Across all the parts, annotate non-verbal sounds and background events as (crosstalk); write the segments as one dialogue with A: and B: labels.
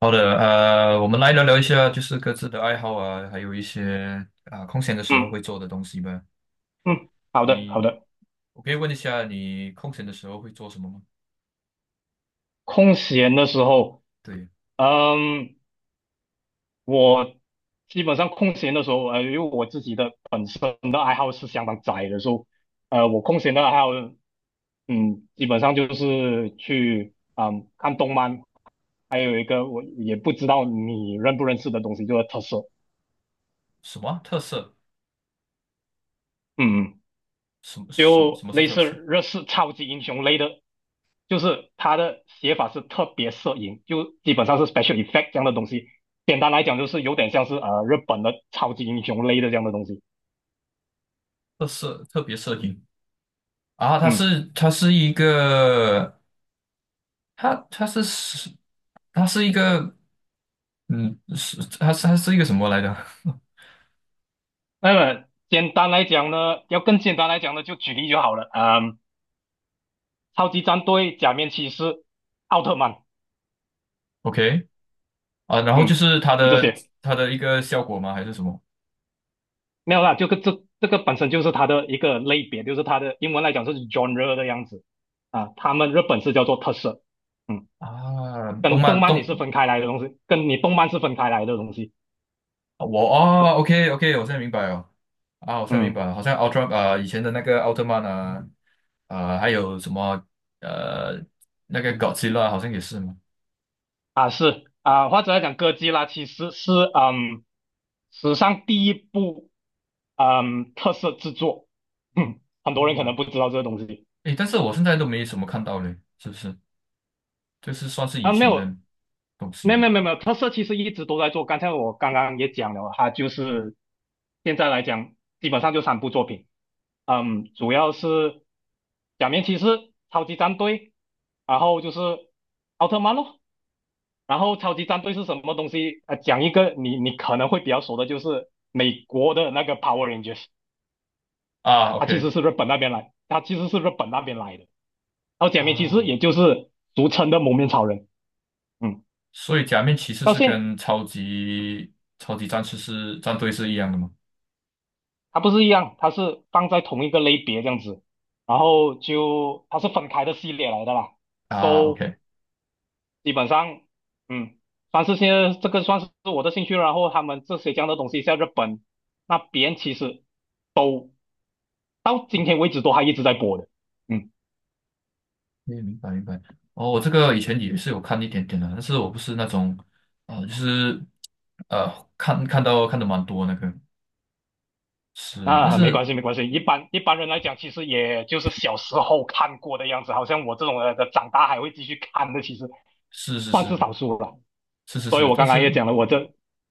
A: 好的，我们来聊聊一下，就是各自的爱好啊，还有一些啊、空闲的时候
B: 嗯
A: 会做的东西吧。
B: 嗯，好的好
A: 你，
B: 的。
A: 我可以问一下，你空闲的时候会做什么吗？
B: 空闲的时候，
A: 对，
B: 嗯，我基本上空闲的时候，因为我自己的本身的爱好是相当窄的，所以，我空闲的爱好，嗯，基本上就是去，嗯，看动漫，还有一个我也不知道你认不认识的东西，就是特色，
A: 什么啊特色？
B: 嗯。
A: 什么什么
B: 就
A: 什么是
B: 类
A: 特
B: 似
A: 色？
B: 日式超级英雄类的，就是它的写法是特别摄影，就基本上是 special effect 这样的东西。简单来讲，就是有点像是日本的超级英雄类的这样的东西。
A: 特色特别摄影啊，它
B: 嗯，
A: 是它是一个，它它是是它是一个，是它是一个什么来着 (laughs)
B: 那么简单来讲呢，要更简单来讲呢，就举例就好了。嗯，超级战队、假面骑士、奥特曼，
A: ？OK 啊，然后就
B: 嗯，
A: 是它
B: 就这
A: 的
B: 些。
A: 它的一个效果吗？还是什么？
B: 没有啦，就这个本身就是它的一个类别，就是它的英文来讲是 genre 的样子啊，他们日本是叫做特色。嗯。
A: 啊，动
B: 跟动
A: 漫
B: 漫你
A: 动
B: 是分开来的东西，跟你动漫是分开来的东西。
A: 我哦，OK OK，我现在明白了啊，我现在明
B: 嗯
A: 白了，好像奥特啊、以前的那个奥特曼啊啊、还有什么呃那个 Godzilla 好像也是嘛。
B: 或者来讲，哥吉拉其实是史上第一部特色制作，嗯，很多人可
A: 哦，
B: 能不知道这个东西
A: 诶，但是我现在都没什么看到嘞，是不是？这是算是以
B: 啊，没
A: 前的
B: 有。
A: 东西
B: 没有
A: 吗？
B: 没有没有没有，特色其实一直都在做。刚才我刚刚也讲了，它就是现在来讲，基本上就3部作品。嗯，主要是《假面骑士》、《超级战队》，然后就是奥特曼咯。然后超级战队是什么东西？讲一个你可能会比较熟的，就是美国的那个 Power Rangers，
A: 啊，OK
B: 它其实是日本那边来的。然后假面骑士
A: 啊，
B: 也就是俗称的蒙面超人，嗯，
A: 所以假面骑士
B: 到
A: 是
B: 现
A: 跟超级战队是一样的吗？
B: 它不是一样，它是放在同一个类别这样子，然后就它是分开的系列来的啦。
A: 啊
B: So
A: ，OK。
B: 基本上，嗯，算是现在这个算是我的兴趣。然后他们这些这样的东西在日本那边其实，都，到今天为止都还一直在播的。嗯
A: 嗯，明白明白。哦，我这个以前也是有看一点点的，但是我不是那种，啊，就是呃，看的蛮多那个是，但
B: 啊，没
A: 是
B: 关系没关系，一般人来讲，其实也就是小时候看过的样子，好像我这种人的长大还会继续看的，其实
A: 是是
B: 算是
A: 是
B: 少数了。
A: 是是
B: 所以
A: 是，
B: 我
A: 但
B: 刚刚
A: 是
B: 也讲了，我这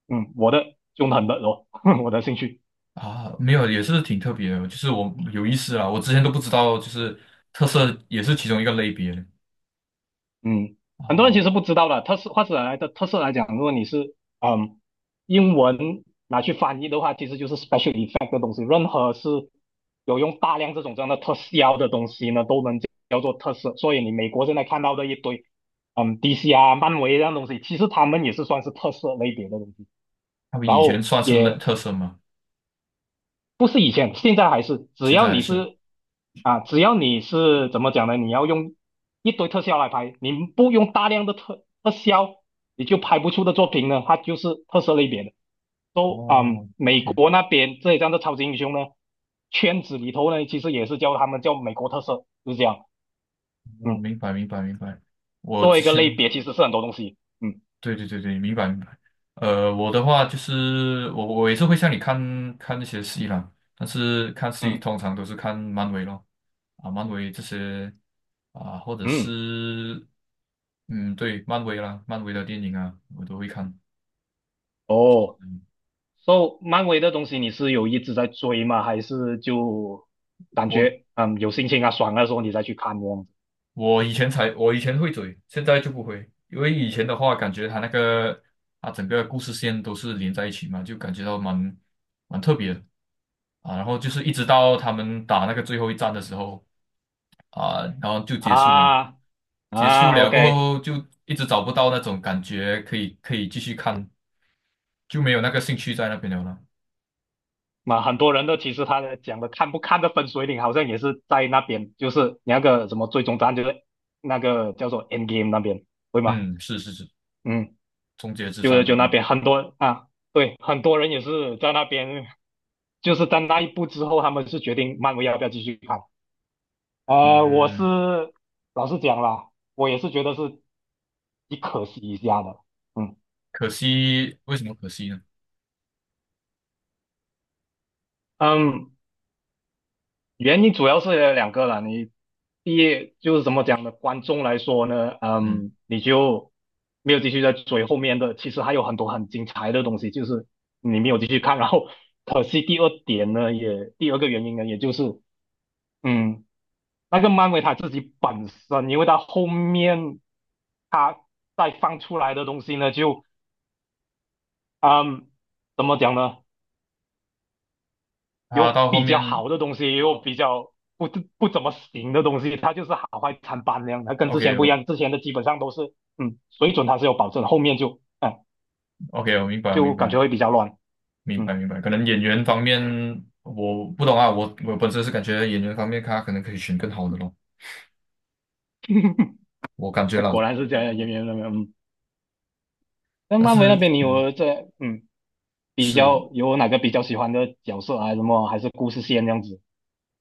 B: 嗯我的凶狠的哦，(laughs) 我的兴趣。
A: 啊，没有也是挺特别的，就是我有意思啊，我之前都不知道，就是特色也是其中一个类别
B: 嗯，很多人其
A: 哦，
B: 实不知道的，特色来讲，如果你是英文拿去翻译的话，其实就是 special effect 的东西。任何是有用大量这种这样的特效的东西呢，都能叫做特色。所以你美国现在看到的一堆DC 啊、漫威这样东西，其实他们也是算是特色类别的东西。
A: 他们
B: 然
A: 以前
B: 后
A: 算是类
B: 也
A: 特色吗？
B: 不是以前，现在还是，
A: 现在还是
B: 只要你是怎么讲呢？你要用一堆特效来拍，你不用大量的特效，你就拍不出的作品呢，它就是特色类别的。都啊，
A: 哦
B: 美
A: ，OK，
B: 国那边这一张的超级英雄呢，圈子里头呢，其实也是叫他们叫美国特色，就是这样。
A: 哦，
B: 嗯，
A: 明白明白明白，我
B: 作为
A: 之
B: 一个类
A: 前。
B: 别，其实是很多东西。嗯
A: 对对对对，明白明白。我的话就是我也是会像你看看那些戏啦，但是看戏
B: 嗯
A: 通常都是看漫威咯，啊，漫威这些啊，或者
B: 嗯，
A: 是嗯，对，漫威啦，漫威的电影啊，我都会看。
B: 哦。
A: 嗯，
B: So，漫威的东西你是有一直在追吗？还是就感
A: 我
B: 觉有心情啊爽的时候你再去看这样子
A: 我以前会追，现在就不会，因为以前的话感觉它那个啊整个故事线都是连在一起嘛，就感觉到蛮特别的。啊，然后就是一直到他们打那个最后一战的时候，啊，然后就结束嘛。
B: 啊
A: 结束
B: 啊
A: 了过
B: ？OK，
A: 后，就一直找不到那种感觉，可以继续看，就没有那个兴趣在那边了啦
B: 那很多人都其实他的讲的看不看的分水岭好像也是在那边，就是那个什么最终答案就是那个叫做 End Game 那边，对吗？
A: 嗯，是是是，
B: 嗯，
A: 终结之
B: 就
A: 战那
B: 就那
A: 边，
B: 边很多啊，对，很多人也是在那边，就是在那一步之后，他们是决定漫威要不要继续看。我是
A: 嗯，
B: 老实讲啦，我也是觉得是挺可惜一下的。嗯
A: 可惜，为什么可惜呢？
B: 嗯，原因主要是有2个啦。你第一就是怎么讲呢？观众来说呢，
A: 嗯，
B: 嗯，你就没有继续在追后面的，其实还有很多很精彩的东西，就是你没有继续看。然后可惜第二点呢，也第二个原因呢，也就是嗯，那个漫威他自己本身，因为他后面他再放出来的东西呢，就。啊、怎么讲呢？
A: 他
B: 有
A: 到后
B: 比较
A: 面
B: 好的东西，也有比较不怎么行的东西，它就是好坏参半那样。它跟之前不一
A: ，OK
B: 样，之前的基本上都是，嗯，水准它是有保证，后面就，嗯，
A: 我 OK，我明白，我明
B: 就感觉
A: 白，
B: 会比较乱。
A: 明白
B: 嗯，
A: 明白，可能演员方面我不懂啊，我本身是感觉演员方面他可能可以选更好的咯，
B: (laughs)
A: 我感觉
B: 那
A: 了，
B: 果然是这样，演员那边，嗯，那
A: 但
B: 漫威那
A: 是
B: 边你
A: 嗯。
B: 有这，嗯，比
A: 是，
B: 较有哪个比较喜欢的角色啊？什么还是故事线这样子？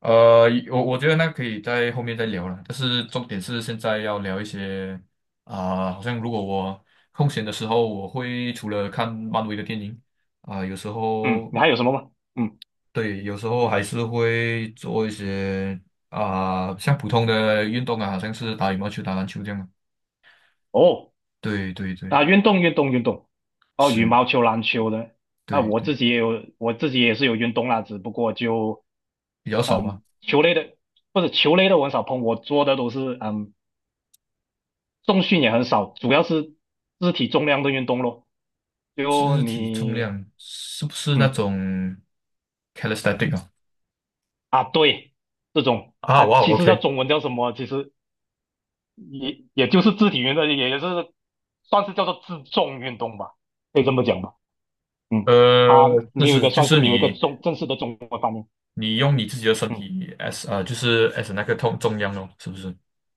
A: 呃，我觉得那可以在后面再聊了，但是重点是现在要聊一些啊、好像如果我空闲的时候，我会除了看漫威的电影啊、有时
B: 嗯，
A: 候
B: 你还有什么吗？嗯，
A: 对，有时候还是会做一些啊、像普通的运动啊，好像是打羽毛球、打篮球这样嘛。
B: 哦。
A: 对对对，
B: 啊，运动运动运动，哦，羽
A: 是，
B: 毛球、篮球的，啊，
A: 对
B: 我
A: 对，
B: 自己也有，我自己也是有运动啦，只不过就
A: 比较少嘛。
B: 嗯，球类的我很少碰，我做的都是嗯，重训也很少，主要是肢体重量的运动咯。就
A: 肢体重
B: 你
A: 量是不是那
B: 嗯
A: 种 calisthenic 啊？
B: 啊，对，这种
A: 啊，
B: 啊，
A: 哇
B: 其实叫
A: ，OK，
B: 中文叫什么？其实也就是肢体运动，也就是算是叫做自重运动吧，可以这么讲吧。嗯，
A: 呃，
B: 它
A: 就
B: 没有一
A: 是
B: 个
A: 就是你
B: 重正式的中文方面，
A: 你用你自己的身
B: 嗯。
A: 体 as 就是 as 那个痛中央哦，是不是？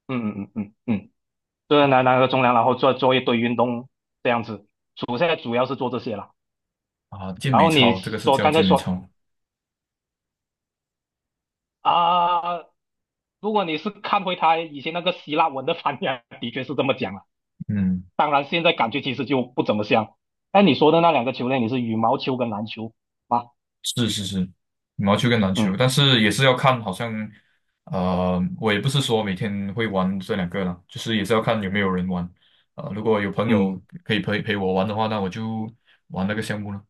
B: 嗯嗯嗯嗯，就是拿个中粮，然后做一堆运动这样子。主现在主要是做这些了。
A: 啊，健
B: 然
A: 美
B: 后你
A: 操，这个是
B: 说
A: 叫
B: 刚才
A: 健美
B: 说
A: 操。
B: 啊，如果你是看回他以前那个希腊文的翻译啊的确是这么讲了。
A: 嗯，
B: 当然现在感觉其实就不怎么像。哎，你说的那两个球类，你是羽毛球跟篮球吗？
A: 是是是，羽毛球跟篮球，
B: 嗯
A: 但是也是要看，好像我也不是说每天会玩这两个啦，就是也是要看有没有人玩。如果有朋友
B: 嗯
A: 可以陪陪我玩的话，那我就玩那个项目了。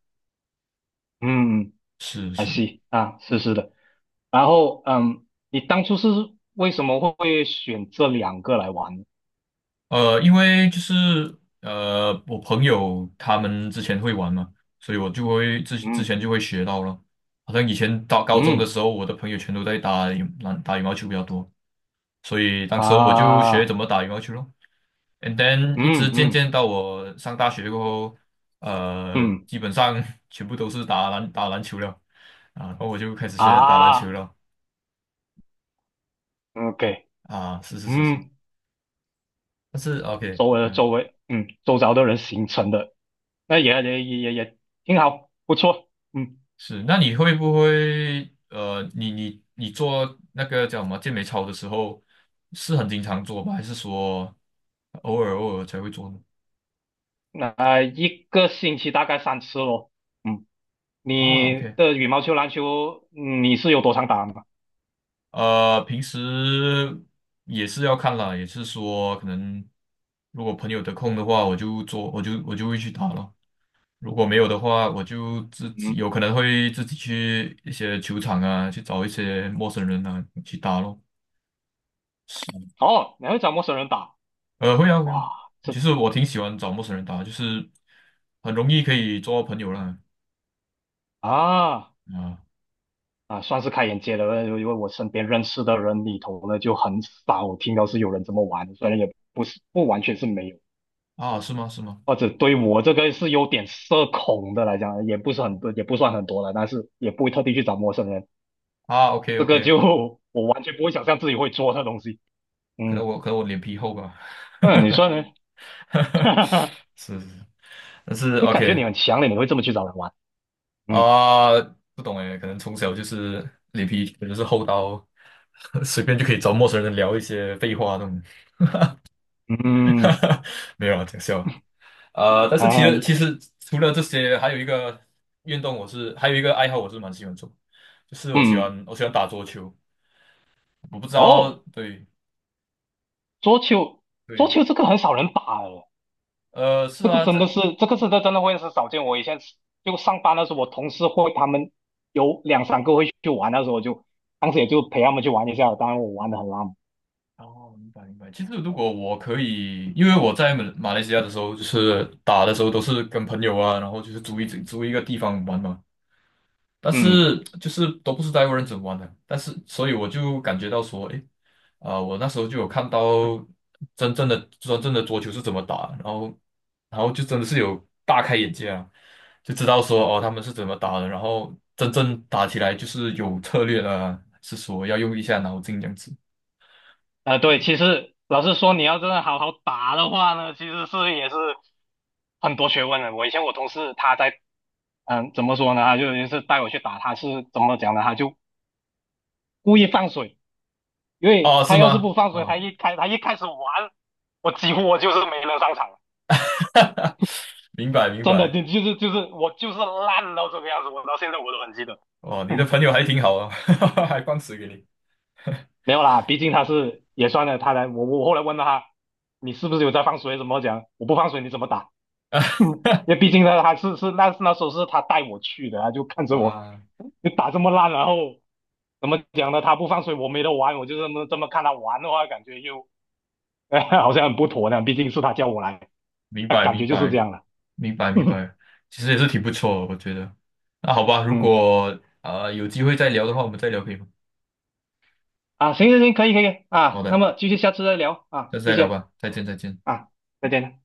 B: 嗯
A: 是
B: 还
A: 是。
B: s 啊，是是的。然后嗯，你当初是为什么会选这两个来玩呢？
A: 因为就是我朋友他们之前会玩嘛，所以我就会之之
B: 嗯
A: 前就会学到了。好像以前到高中的
B: 嗯
A: 时候，我的朋友全都在打羽毛球比较多，所以当时候我就学
B: 啊。
A: 怎么打羽毛球咯。And then 一
B: 嗯
A: 直渐渐
B: 嗯
A: 到我上大学过后，
B: 嗯
A: 基本上 (laughs) 全部都是打篮球了啊，然后我就开始学打篮球
B: 啊
A: 了
B: ，OK，
A: 啊，是是是是，
B: 嗯，
A: 但是 OK。
B: 周围的
A: 嗯。
B: 周围，嗯，周遭的人形成的，那也挺好，不错，嗯，
A: 是，那你会不会你做那个叫什么健美操的时候，是很经常做吧？还是说偶尔才会做呢？
B: 那、一个星期大概3次咯，嗯，
A: 啊
B: 你
A: ，OK，
B: 的羽毛球、篮球，嗯你是有多常打吗？
A: 平时也是要看啦，也是说可能如果朋友得空的话，我就做，我就会去打咯。如果没有的话，我就自己
B: 嗯，
A: 有可能会自己去一些球场啊，去找一些陌生人啊去打咯。
B: 哦，你还会找陌生人打，
A: 会啊会啊。
B: 哇，这
A: 其实我挺喜欢找陌生人打，就是很容易可以做到朋友啦。
B: 啊
A: 啊
B: 啊，算是开眼界了，因为我身边认识的人里头呢，就很少听到是有人这么玩的，虽然也不完全是没有。
A: 啊，是吗？是吗？
B: 或者对我这个是有点社恐的来讲，也不是很多，也不算很多了，但是也不会特地去找陌生人，
A: 啊，OK
B: 这个
A: OK，
B: 就 (laughs) 我完全不会想象自己会做那东西。
A: 可能
B: 嗯，
A: 我可能我脸皮厚吧。
B: 那你说呢？
A: (laughs)
B: (laughs) 哈哈，
A: 是是是，但是
B: 你感觉你
A: OK
B: 很强烈，你会这么去找人玩？嗯
A: 啊，不懂诶，可能从小就是脸皮可能是厚到 (laughs) 随便就可以找陌生人聊一些废话那种。
B: 嗯
A: (laughs) 没有啊，讲笑。但是其实其
B: 啊
A: 实除了这些，还有一个爱好我是蛮喜欢做，就是我喜
B: 嗯
A: 欢我喜欢打桌球。我不知道，
B: 哦，
A: 对
B: 桌球。桌
A: 对，
B: 球这个很少人打诶，
A: 是
B: 这个
A: 啊，
B: 真的
A: 在
B: 是这个是真的真的会是少见。我以前就上班的时候，我同事会他们有两三个会去玩，的时候我就当时也就陪他们去玩一下，当然我玩的很烂。
A: 哦，明白明白。其实如果我可以，因为我在马来西亚的时候，就是打的时候都是跟朋友啊，然后就是租一个地方玩嘛。但
B: 嗯，
A: 是就是都不是在人怎么玩的，但是所以我就感觉到说，诶，啊、我那时候就有看到真正的桌球是怎么打，然后就真的是有大开眼界啊，就知道说哦他们是怎么打的，然后真正打起来就是有策略了，是说要用一下脑筋这样子
B: 对，其实老实说，你要真的好好打的话呢，其实是也是很多学问的。我以前我同事他在，嗯、怎么说呢？他就也是带我去打，他是怎么讲呢？他就故意放水，因为
A: 啊，是
B: 他要是
A: 吗？
B: 不放水，
A: 啊，
B: 他一开始玩，我几乎我就是没能上场，
A: (laughs) 明白明
B: 真的，
A: 白，
B: 我就是烂到这个样子，我到现在我都很记得。
A: 哦，
B: (laughs)
A: 你的
B: 嗯，
A: 朋友还挺好啊，(laughs) 还放水给你
B: 没有啦，毕竟他是也算了，他来我后来问了他，你是不是有在放水？怎么讲？我不放水你怎么打？(laughs)
A: (laughs)
B: 嗯，也毕竟呢，还是那时候是他带我去的，他就看着我
A: 啊，
B: 就打这么烂，然后怎么讲呢？他不放水，我没得玩，我就这么看他玩的话，感觉又、(laughs) 好像很不妥呢。毕竟是他叫我来，
A: 明白
B: 感觉
A: 明
B: 就是这
A: 白。
B: 样了。
A: 明白明
B: (laughs)
A: 白，其实也是挺不错的，我觉得。那好吧，如
B: 嗯
A: 果啊、有机会再聊的话，我们再聊可以吗？
B: 啊，行行行，可以可以
A: 好
B: 啊，那
A: 的，
B: 么继续下次再聊啊，
A: 下次
B: 谢
A: 再聊
B: 谢
A: 吧，再见再见。
B: 啊，再见。